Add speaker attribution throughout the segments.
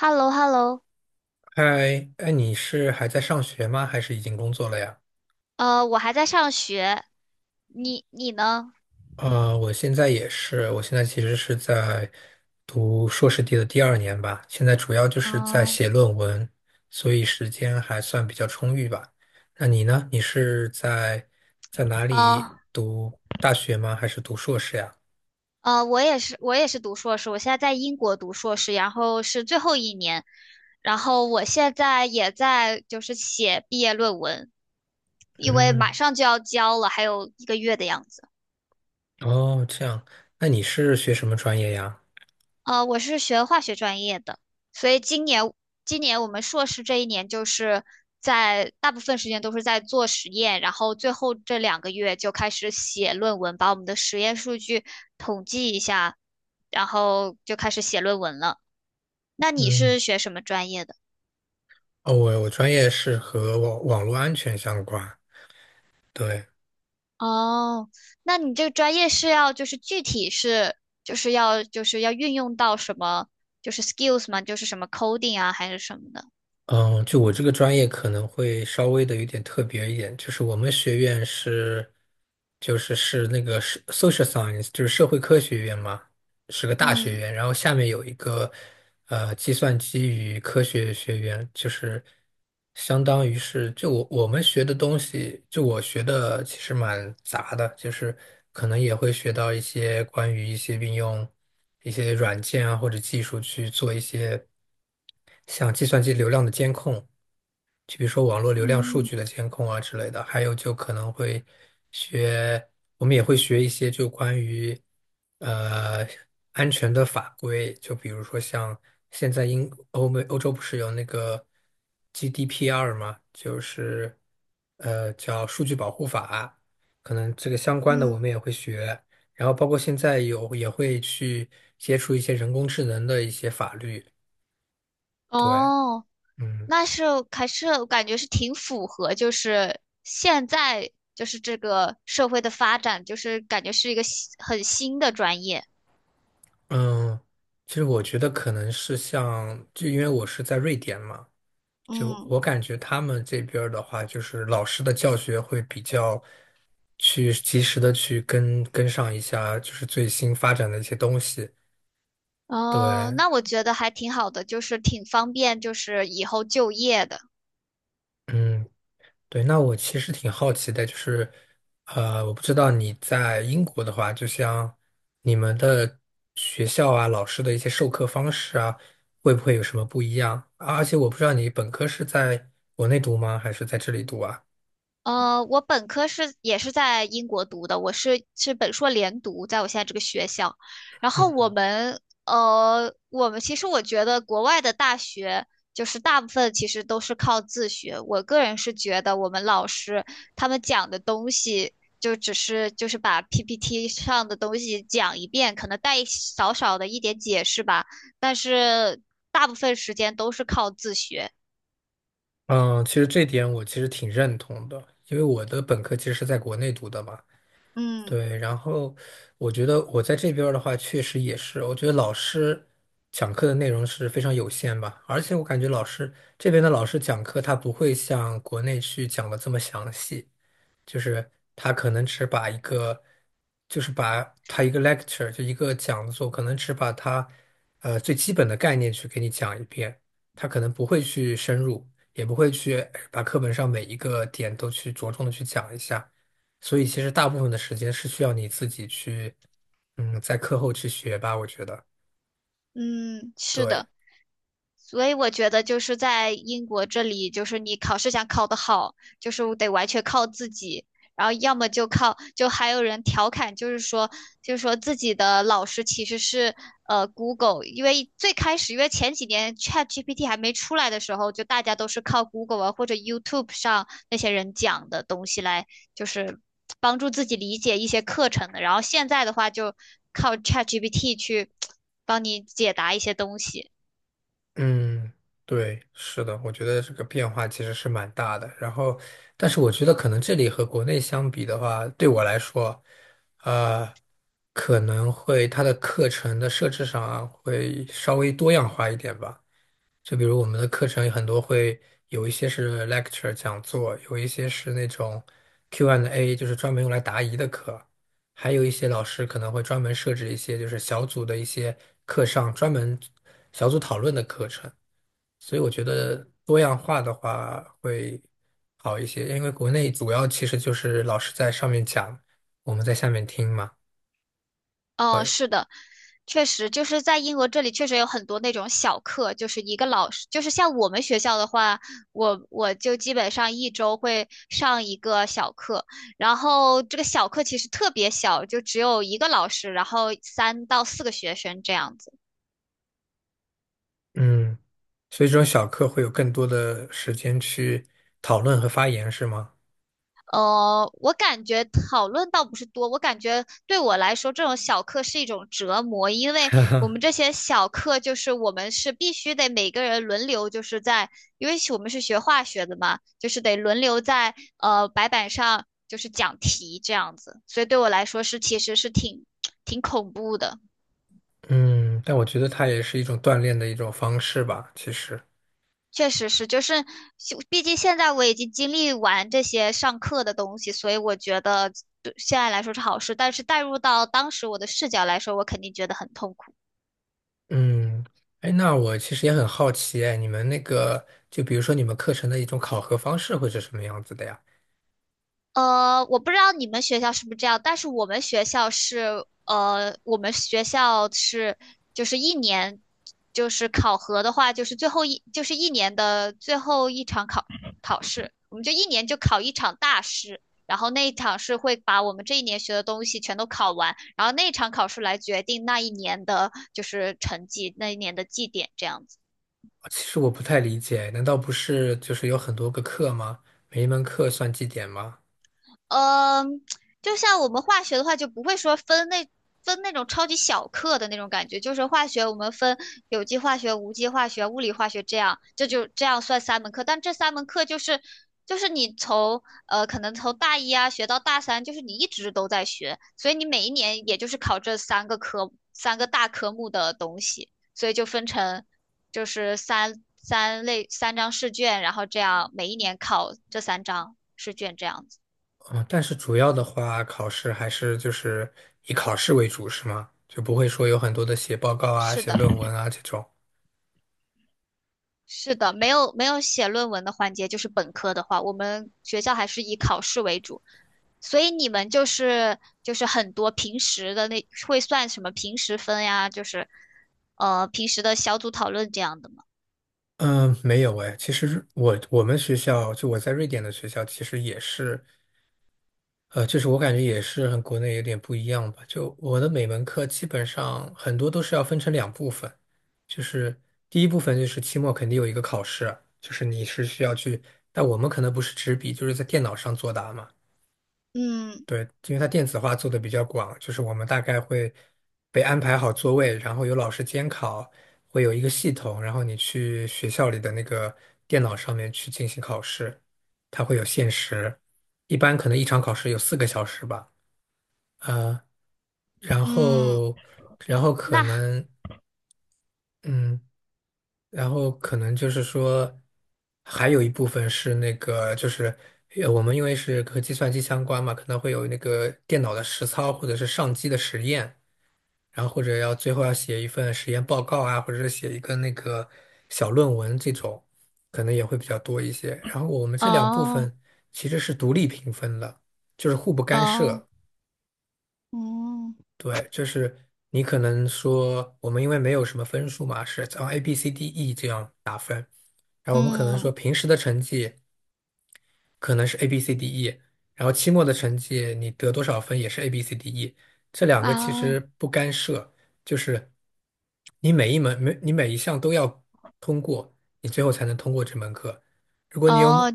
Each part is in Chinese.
Speaker 1: h e l l o h e l l o。
Speaker 2: 嗨，哎，你是还在上学吗？还是已经工作了呀？
Speaker 1: 我还在上学，你呢？
Speaker 2: 我现在也是，我现在其实是在读硕士第二年吧，现在主要就是在
Speaker 1: 哦，
Speaker 2: 写论文，所以时间还算比较充裕吧。那你呢？你是在哪里
Speaker 1: 呃
Speaker 2: 读大学吗？还是读硕士呀？
Speaker 1: 我也是，我也是读硕士，我现在在英国读硕士，然后是最后一年，然后我现在也在就是写毕业论文，因为马
Speaker 2: 嗯，
Speaker 1: 上就要交了，还有一个月的样子。
Speaker 2: 哦，这样，那你是学什么专业呀？
Speaker 1: 我是学化学专业的，所以今年我们硕士这一年就是在大部分时间都是在做实验，然后最后这两个月就开始写论文，把我们的实验数据统计一下，然后就开始写论文了。那你
Speaker 2: 嗯，
Speaker 1: 是学什么专业的？
Speaker 2: 哦，我专业是和网络安全相关，对。
Speaker 1: 哦，那你这个专业是要就是具体是就是要就是要运用到什么就是 skills 吗？就是什么 coding 啊还是什么的？
Speaker 2: 嗯，就我这个专业可能会稍微的有点特别一点，就是我们学院是，就是 social science,就是社会科学院嘛，是个大学
Speaker 1: 嗯
Speaker 2: 院，然后下面有一个计算机与科学学院，就是相当于是就我们学的东西，就我学的其实蛮杂的，就是可能也会学到一些关于一些应用。一些软件啊或者技术去做一些像计算机流量的监控，就比如说网络流量数
Speaker 1: 嗯
Speaker 2: 据的监控啊之类的，还有就可能会学，我们也会学一些就关于呃安全的法规，就比如说像现在英欧美欧洲不是有那个 GDPR 嘛，就是叫数据保护法，可能这个相关的我们
Speaker 1: 嗯。
Speaker 2: 也会学，然后包括现在有也会去接触一些人工智能的一些法律，对，
Speaker 1: 哦，
Speaker 2: 嗯。
Speaker 1: 那是还是我感觉是挺符合，就是现在就是这个社会的发展，就是感觉是一个新很新的专业。
Speaker 2: 嗯，其实我觉得可能是像，就因为我是在瑞典嘛，就
Speaker 1: 嗯。
Speaker 2: 我感觉他们这边儿的话，就是老师的教学会比较去及时的去跟上一下，就是最新发展的一些东西。
Speaker 1: 哦，
Speaker 2: 对，
Speaker 1: 那我觉得还挺好的，就是挺方便，就是以后就业的。
Speaker 2: 嗯，对，那我其实挺好奇的，就是，我不知道你在英国的话，就像你们的学校啊，老师的一些授课方式啊，会不会有什么不一样？啊而且我不知道你本科是在国内读吗，还是在这里读啊？
Speaker 1: 我本科是也是在英国读的，我是本硕连读，在我现在这个学校。然后我们其实我觉得国外的大学就是大部分其实都是靠自学。我个人是觉得我们老师他们讲的东西就只是就是把 PPT 上的东西讲一遍，可能带一少少的一点解释吧，但是大部分时间都是靠自学。
Speaker 2: 嗯，其实这点我其实挺认同的，因为我的本科其实是在国内读的嘛。
Speaker 1: 嗯。
Speaker 2: 对，然后我觉得我在这边儿的话，确实也是，我觉得老师讲课的内容是非常有限吧，而且我感觉这边的老师讲课，他不会像国内去讲的这么详细，就是他可能只把一个，就是把他一个 lecture 就一个讲座，可能只把他最基本的概念去给你讲一遍，他可能不会去深入，也不会去把课本上每一个点都去着重的去讲一下，所以其实大部分的时间是需要你自己去，嗯，在课后去学吧，我觉得，
Speaker 1: 嗯，是
Speaker 2: 对。
Speaker 1: 的。所以我觉得就是在英国这里，就是你考试想考得好，就是得完全靠自己。然后要么就靠，就还有人调侃，就是说，就是说自己的老师其实是Google,因为最开始，因为前几年 ChatGPT 还没出来的时候，就大家都是靠 Google 啊或者 YouTube 上那些人讲的东西来，就是帮助自己理解一些课程的。然后现在的话，就靠 ChatGPT 去帮你解答一些东西。
Speaker 2: 嗯，对，是的，我觉得这个变化其实是蛮大的。然后，但是我觉得可能这里和国内相比的话，对我来说，呃，可能会它的课程的设置上啊会稍微多样化一点吧。就比如我们的课程有很多会有一些是 lecture 讲座，有一些是那种 Q&A,就是专门用来答疑的课。还有一些老师可能会专门设置一些就是小组的一些课上专门小组讨论的课程。所以我觉得多样化的话会好一些，因为国内主要其实就是老师在上面讲，我们在下面听嘛。
Speaker 1: 哦，
Speaker 2: 对，
Speaker 1: 是的，确实就是在英国这里确实有很多那种小课，就是一个老师，就是像我们学校的话，我就基本上一周会上一个小课，然后这个小课其实特别小，就只有一个老师，然后三到四个学生这样子。
Speaker 2: 嗯，所以这种小课会有更多的时间去讨论和发言，是吗？
Speaker 1: 我感觉讨论倒不是多，我感觉对我来说，这种小课是一种折磨，因为我们这些小课就是我们是必须得每个人轮流，就是在，因为我们是学化学的嘛，就是得轮流在白板上就是讲题这样子，所以对我来说是其实是挺 挺恐怖的。
Speaker 2: 嗯，但我觉得它也是一种锻炼的一种方式吧，其实。
Speaker 1: 确实是，就是就毕竟现在我已经经历完这些上课的东西，所以我觉得对现在来说是好事。但是带入到当时我的视角来说，我肯定觉得很痛苦。
Speaker 2: 嗯，哎，那我其实也很好奇，哎，你们那个，就比如说你们课程的一种考核方式会是什么样子的呀？
Speaker 1: 我不知道你们学校是不是这样，但是我们学校是，我们学校是，就是一年，就是考核的话，就是最后一，就是一年的最后一场考试，我们就一年就考一场大试，然后那一场是会把我们这一年学的东西全都考完，然后那一场考试来决定那一年的就是成绩，那一年的绩点这样子。
Speaker 2: 其实我不太理解，难道不是就是有很多个课吗？每一门课算绩点吗？
Speaker 1: 嗯，就像我们化学的话，就不会说分那种超级小课的那种感觉，就是化学我们分有机化学、无机化学、物理化学这样，这就这样算三门课。但这三门课就是就是你从可能从大一啊学到大三，就是你一直都在学，所以你每一年也就是考这三个科三个大科目的东西，所以就分成就是三三类三张试卷，然后这样每一年考这三张试卷这样子。
Speaker 2: 嗯，但是主要的话，考试还是就是以考试为主，是吗？就不会说有很多的写报告啊、
Speaker 1: 是
Speaker 2: 写
Speaker 1: 的，
Speaker 2: 论文啊这种。
Speaker 1: 是的，没有写论文的环节，就是本科的话，我们学校还是以考试为主，所以你们就是就是很多平时的那会算什么平时分呀，就是平时的小组讨论这样的吗？
Speaker 2: 嗯，没有诶，其实我学校就我在瑞典的学校，其实也是。就是我感觉也是和国内有点不一样吧。就我的每门课基本上很多都是要分成两部分，就是第一部分就是期末肯定有一个考试，就是你是需要去，但我们可能不是纸笔，就是在电脑上作答嘛。
Speaker 1: 嗯。
Speaker 2: 对，因为它电子化做的比较广，就是我们大概会被安排好座位，然后有老师监考，会有一个系统，然后你去学校里的那个电脑上面去进行考试，它会有限时，一般可能一场考试有四个小时吧。呃，然
Speaker 1: 嗯，
Speaker 2: 后，然后可
Speaker 1: 那
Speaker 2: 能，嗯，然后可能就是说，还有一部分是那个，就是我们因为是和计算机相关嘛，可能会有那个电脑的实操或者是上机的实验，然后或者要最后要写一份实验报告啊，或者是写一个那个小论文这种，可能也会比较多一些。然后我们这两部
Speaker 1: 哦。
Speaker 2: 分其实是独立评分的，就是互不干
Speaker 1: 哦，
Speaker 2: 涉。
Speaker 1: 嗯。
Speaker 2: 对，就是你可能说我们因为没有什么分数嘛，是从 A、B、C、D、E 这样，然后我们可能说
Speaker 1: 嗯
Speaker 2: 平时的成绩，可能是 A B C D E,然后期末的成绩你得多少分也是 A B C D E,这两个其
Speaker 1: 啊。
Speaker 2: 实不干涉，就是你每一项都要通过，你最后才能通过这门课。如果
Speaker 1: 哦，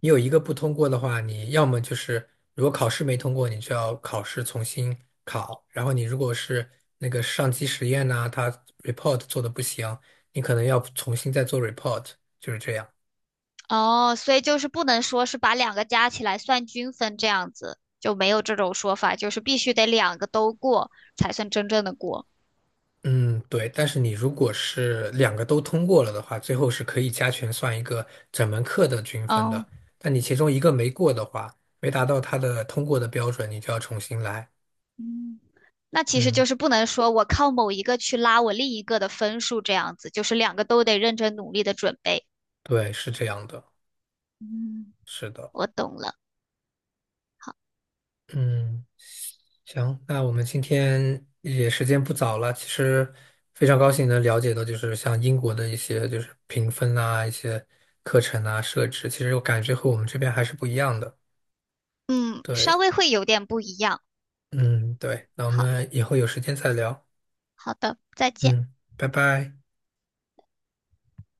Speaker 2: 你有一个不通过的话，你要么就是如果考试没通过，你就要考试重新考，然后你如果是那个上机实验呐、它 report 做的不行，你可能要重新再做 report,就是这样。
Speaker 1: 哦，所以就是不能说是把两个加起来算均分这样子，就没有这种说法，就是必须得两个都过才算真正的过。
Speaker 2: 嗯，对，但是你如果是两个都通过了的话，最后是可以加权算一个整门课的均分
Speaker 1: 哦，
Speaker 2: 的。但你其中一个没过的话，没达到它的通过的标准，你就要重新来。
Speaker 1: 嗯，那其实
Speaker 2: 嗯，
Speaker 1: 就是不能说我靠某一个去拉我另一个的分数这样子，就是两个都得认真努力的准备。
Speaker 2: 对，是这样的，
Speaker 1: 嗯，
Speaker 2: 是的。
Speaker 1: 我懂了。
Speaker 2: 嗯，行，那我们今天也时间不早了，其实非常高兴能了解到，就是像英国的一些就是评分啊，一些课程啊设置，其实我感觉和我们这边还是不一样的。
Speaker 1: 嗯，
Speaker 2: 对。
Speaker 1: 稍微会有点不一样。
Speaker 2: 嗯，对，那我
Speaker 1: 好，
Speaker 2: 们以后有时间再聊。
Speaker 1: 好的，再见。
Speaker 2: 嗯，拜拜。